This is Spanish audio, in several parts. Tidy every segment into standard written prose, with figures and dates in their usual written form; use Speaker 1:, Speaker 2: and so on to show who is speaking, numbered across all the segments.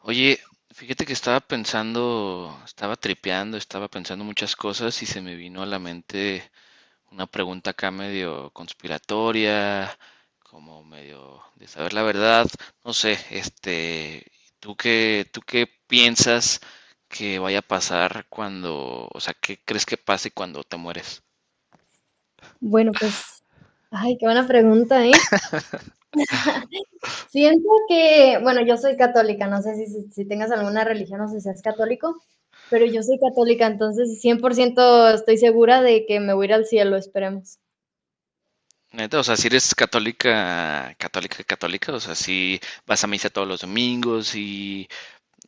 Speaker 1: Oye, fíjate que estaba pensando, estaba tripeando, estaba pensando muchas cosas y se me vino a la mente una pregunta acá medio conspiratoria, como medio de saber la verdad, no sé, este, ¿tú qué piensas que vaya a pasar cuando, o sea, qué crees que pase cuando te mueres?
Speaker 2: Bueno, pues, ay, qué buena pregunta, ¿eh? Siento que, bueno, yo soy católica, no sé si tengas alguna religión o si seas católico, pero yo soy católica, entonces 100% estoy segura de que me voy a ir al cielo, esperemos.
Speaker 1: Neta, o sea, si eres católica, católica, católica, o sea, si vas a misa todos los domingos y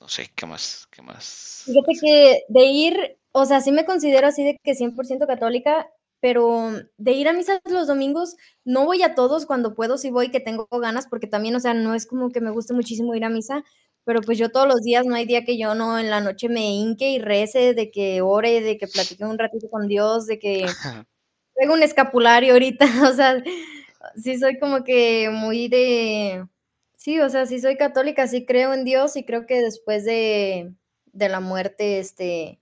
Speaker 1: no sé, ¿qué más
Speaker 2: Fíjate
Speaker 1: haces?
Speaker 2: que de ir, o sea, sí me considero así de que 100% católica, pero de ir a misas los domingos, no voy a todos, cuando puedo sí voy, que tengo ganas, porque también, o sea, no es como que me guste muchísimo ir a misa, pero pues yo todos los días, no hay día que yo no en la noche me hinque y rece, de que ore, de que platique un ratito con Dios, de que traigo un escapulario ahorita, o sea, sí soy como que muy de, sí, o sea, sí soy católica, sí creo en Dios y creo que después de la muerte,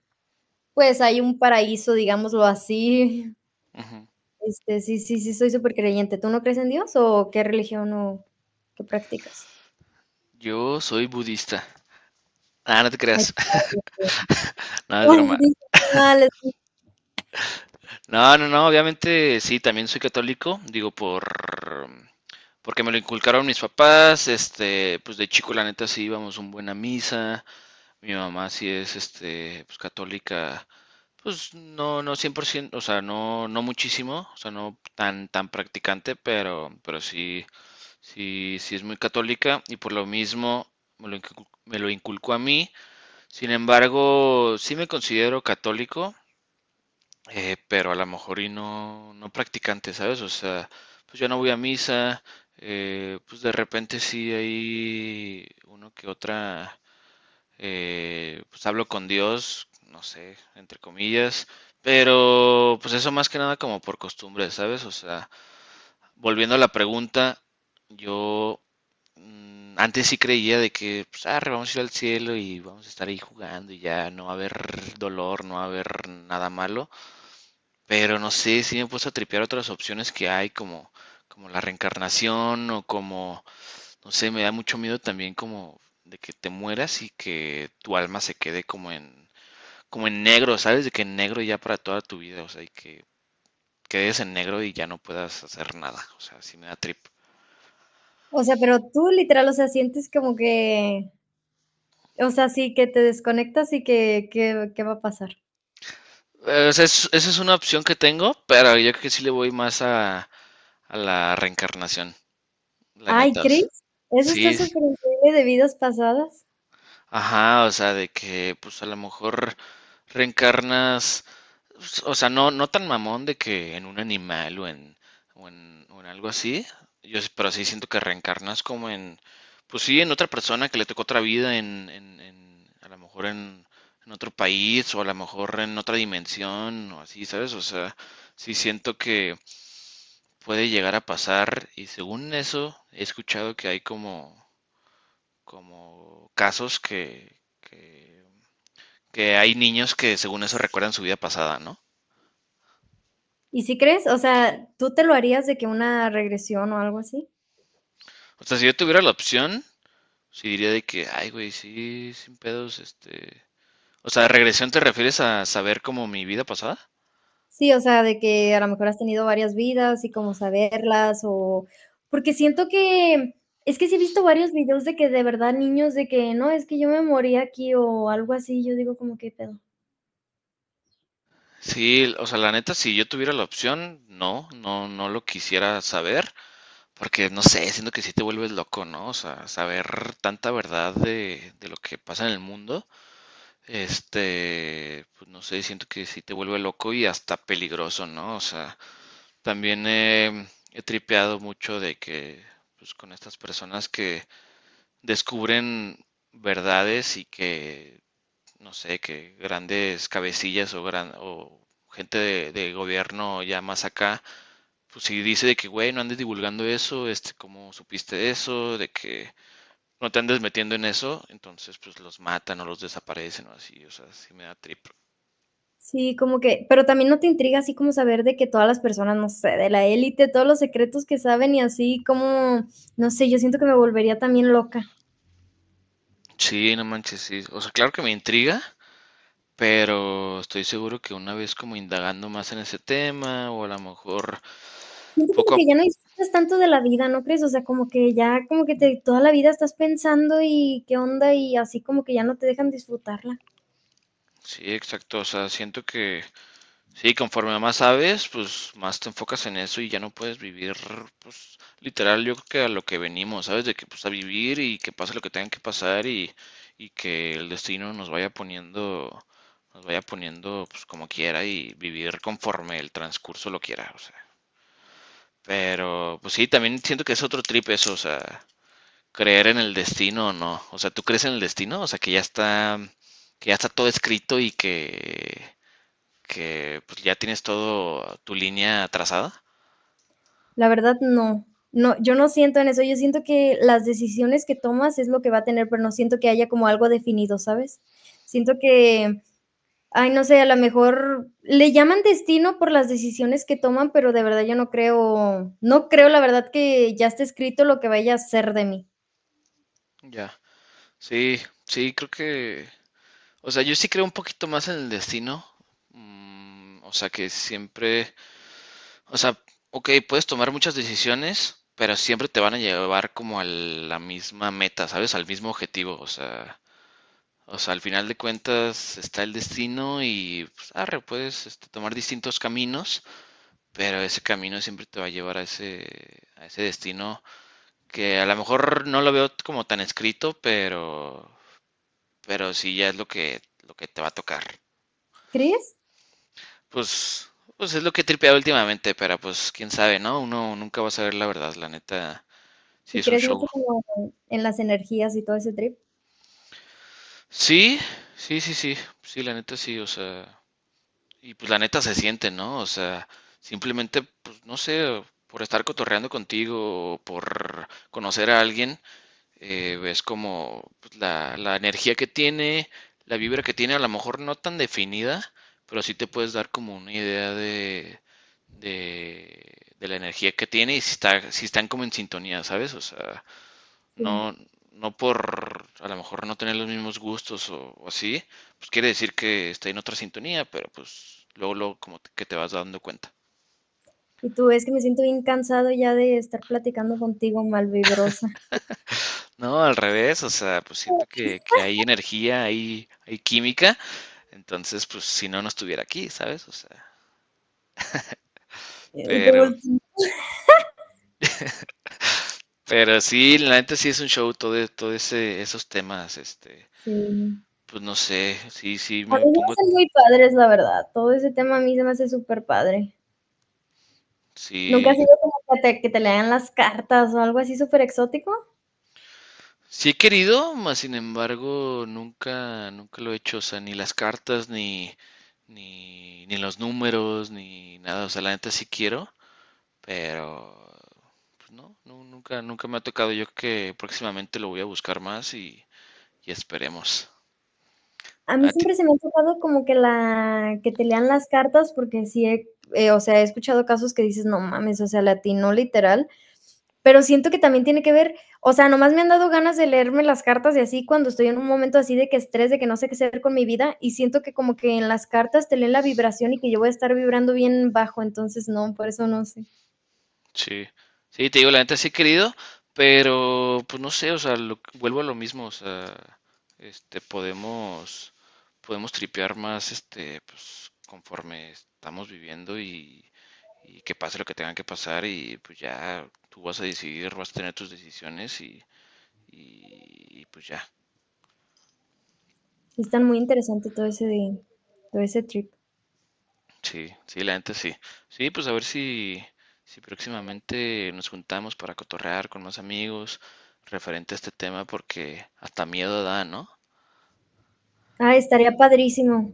Speaker 2: pues hay un paraíso, digámoslo así.
Speaker 1: Ujú.
Speaker 2: Sí, sí, sí, soy súper creyente. ¿Tú no crees en Dios o qué religión o qué practicas?
Speaker 1: Yo soy budista. Ah, no te
Speaker 2: Ay,
Speaker 1: creas. No, es
Speaker 2: ay,
Speaker 1: broma.
Speaker 2: sí, vale.
Speaker 1: No, no, no, obviamente sí, también soy católico, digo, por... Porque me lo inculcaron mis papás, este, pues de chico la neta sí íbamos un buen a misa, mi mamá sí es, este, pues católica, pues no, no 100%. O sea, no, no muchísimo, o sea, no tan practicante, pero sí es muy católica y por lo mismo me lo inculcó a mí. Sin embargo, sí me considero católico, pero a lo mejor y no practicante, ¿sabes? O sea, pues yo no voy a misa, pues de repente sí hay uno que otra, pues hablo con Dios, no sé, entre comillas, pero pues eso más que nada como por costumbre, ¿sabes? O sea, volviendo a la pregunta, yo antes sí creía de que, pues, arre, vamos a ir al cielo y vamos a estar ahí jugando y ya no va a haber dolor, no va a haber nada malo. Pero no sé, sí me he puesto a tripear otras opciones que hay, como la reencarnación o como, no sé, me da mucho miedo también como de que te mueras y que tu alma se quede como en negro, ¿sabes? De que en negro ya para toda tu vida, o sea, y que quedes en negro y ya no puedas hacer nada, o sea, sí me da trip.
Speaker 2: O sea, pero tú literal, o sea, sientes como que, o sea, sí, que te desconectas y que ¿qué va a pasar?
Speaker 1: Esa es una opción que tengo, pero yo creo que sí le voy más a, la reencarnación, la
Speaker 2: Ay,
Speaker 1: neta. O sea.
Speaker 2: ¿crees? Eso
Speaker 1: Sí,
Speaker 2: está superincreíble de vidas pasadas.
Speaker 1: ajá, o sea, de que pues a lo mejor reencarnas, o sea, no, no tan mamón de que en un animal o en, algo así, yo, pero sí siento que reencarnas como en, pues sí, en otra persona que le tocó otra vida, a lo mejor en otro país o a lo mejor en otra dimensión o así, ¿sabes? O sea, sí siento que puede llegar a pasar y según eso he escuchado que hay como casos que hay niños que según eso recuerdan su vida pasada, ¿no?
Speaker 2: ¿Y si crees? O sea, ¿tú te lo harías de que una regresión o algo así?
Speaker 1: O sea, si yo tuviera la opción, sí diría de que, ay, güey, sí, sin pedos, este... ¿O sea, regresión te refieres a saber como mi vida pasada?
Speaker 2: Sí, o sea, de que a lo mejor has tenido varias vidas y como saberlas o porque siento que es que sí he visto varios videos de que de verdad niños de que: "No, es que yo me morí aquí", o algo así, yo digo como: "que pedo?".
Speaker 1: Sí, o sea, la neta, si yo tuviera la opción, no, no, no lo quisiera saber, porque no sé, siento que sí te vuelves loco, ¿no? O sea, saber tanta verdad de lo que pasa en el mundo. Este, pues no sé, siento que sí te vuelve loco y hasta peligroso, ¿no? O sea, también he tripeado mucho de que, pues con estas personas que descubren verdades y que, no sé, que grandes cabecillas o gente de gobierno ya más acá, pues si dice de que, güey, no andes divulgando eso, este, ¿cómo supiste eso? De que no te andes metiendo en eso, entonces pues los matan o los desaparecen o así, o sea, sí me da trip.
Speaker 2: Sí, como que pero también no te intriga así como saber de que todas las personas, no sé, de la élite, todos los secretos que saben y así como, no sé, yo siento que me volvería también loca.
Speaker 1: Sí, no manches, sí. O sea, claro que me intriga, pero estoy seguro que una vez como indagando más en ese tema, o a lo mejor
Speaker 2: Siento como
Speaker 1: poco a...
Speaker 2: que ya no disfrutas tanto de la vida, ¿no crees? O sea, como que ya, como que te, toda la vida estás pensando y qué onda y así como que ya no te dejan disfrutarla.
Speaker 1: Sí, exacto. O sea, siento que sí, conforme más sabes, pues más te enfocas en eso y ya no puedes vivir, pues literal, yo creo que a lo que venimos, ¿sabes? De que pues a vivir y que pase lo que tenga que pasar y que el destino nos vaya poniendo pues como quiera y vivir conforme el transcurso lo quiera, o sea. Pero, pues sí, también siento que es otro trip eso, o sea, creer en el destino o no. O sea, ¿tú crees en el destino? O sea, que ya está todo escrito y que pues ya tienes todo tu línea trazada.
Speaker 2: La verdad, no. No, yo no siento en eso, yo siento que las decisiones que tomas es lo que va a tener, pero no siento que haya como algo definido, ¿sabes? Siento que, ay, no sé, a lo mejor le llaman destino por las decisiones que toman, pero de verdad yo no creo, no creo la verdad que ya esté escrito lo que vaya a ser de mí.
Speaker 1: Ya, sí, sí, creo que, o sea, yo sí creo un poquito más en el destino. O sea, que siempre, o sea, OK, puedes tomar muchas decisiones, pero siempre te van a llevar como a la misma meta, ¿sabes? Al mismo objetivo, o sea. O sea, al final de cuentas está el destino y pues, arre, puedes este, tomar distintos caminos, pero ese camino siempre te va a llevar a ese, destino que a lo mejor no lo veo como tan escrito, pero sí ya es lo que te va a tocar.
Speaker 2: ¿Crees?
Speaker 1: Pues, pues es lo que he tripeado últimamente, pero pues quién sabe, ¿no? Uno nunca va a saber la verdad, la neta, sí
Speaker 2: Y
Speaker 1: es un
Speaker 2: crees
Speaker 1: show.
Speaker 2: mucho como en las energías y todo ese trip.
Speaker 1: Sí, sí, sí, sí, sí, la neta sí, o sea, y pues la neta se siente, ¿no? O sea, simplemente, pues no sé, por estar cotorreando contigo o por conocer a alguien, ves como pues, la energía que tiene, la vibra que tiene, a lo mejor no tan definida, pero sí te puedes dar como una idea de, de la energía que tiene y si está, si están como en sintonía, ¿sabes? O sea,
Speaker 2: Sí.
Speaker 1: no, no por a lo mejor no tener los mismos gustos o así, pues quiere decir que está en otra sintonía, pero pues luego, luego como que te vas dando cuenta.
Speaker 2: Y tú ves que me siento bien cansado ya de estar platicando contigo malvibrosa.
Speaker 1: No, al revés, o sea, pues siento que hay energía, hay química, entonces pues si no estuviera aquí, ¿sabes? O sea,
Speaker 2: Y te
Speaker 1: pero,
Speaker 2: volteo.
Speaker 1: pero sí, la neta sí es un show, todo ese, esos temas, este,
Speaker 2: Sí.
Speaker 1: pues no sé, sí, sí
Speaker 2: A
Speaker 1: me
Speaker 2: mí se me
Speaker 1: pongo,
Speaker 2: hacen muy padres, la verdad. Todo ese tema a mí se me hace súper padre. ¿Nunca ha
Speaker 1: sí.
Speaker 2: sido como que que te lean las cartas o algo así súper exótico?
Speaker 1: Sí he querido, mas sin embargo, nunca, nunca lo he hecho. O sea, ni las cartas, ni los números, ni nada. O sea, la neta sí quiero, pero pues no, nunca, nunca me ha tocado. Yo creo que próximamente lo voy a buscar más y esperemos.
Speaker 2: A mí siempre se me ha tocado como que la que te lean las cartas, porque sí o sea, he escuchado casos que dices, no mames, o sea, le atinó literal, pero siento que también tiene que ver, o sea, nomás me han dado ganas de leerme las cartas y así cuando estoy en un momento así de que estrés, de que no sé qué hacer con mi vida, y siento que como que en las cartas te leen la vibración y que yo voy a estar vibrando bien bajo, entonces no, por eso no sé.
Speaker 1: Sí, sí, te digo, la neta sí he querido, pero pues no sé, o sea, vuelvo a lo mismo, o sea, este, podemos tripear más, este, pues conforme estamos viviendo y que pase lo que tenga que pasar y pues ya tú vas a decidir, vas a tener tus decisiones y pues ya.
Speaker 2: Sí están muy interesante todo ese de, todo ese trip.
Speaker 1: Sí, sí, la gente sí. Sí, pues a ver si, próximamente nos juntamos para cotorrear con más amigos referente a este tema, porque hasta miedo da, ¿no?
Speaker 2: Ah, estaría padrísimo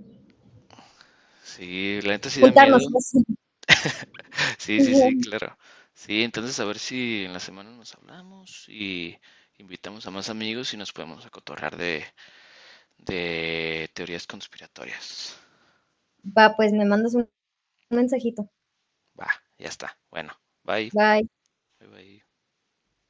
Speaker 1: Sí, la gente sí da miedo.
Speaker 2: juntarnos. Pues.
Speaker 1: Sí, sí, sí, claro. Sí, entonces a ver si en la semana nos hablamos y invitamos a más amigos y nos podemos a cotorrear de, teorías conspiratorias.
Speaker 2: Va, pues me mandas un mensajito.
Speaker 1: Va, ya está. Bueno, bye.
Speaker 2: Bye.
Speaker 1: Bye, bye.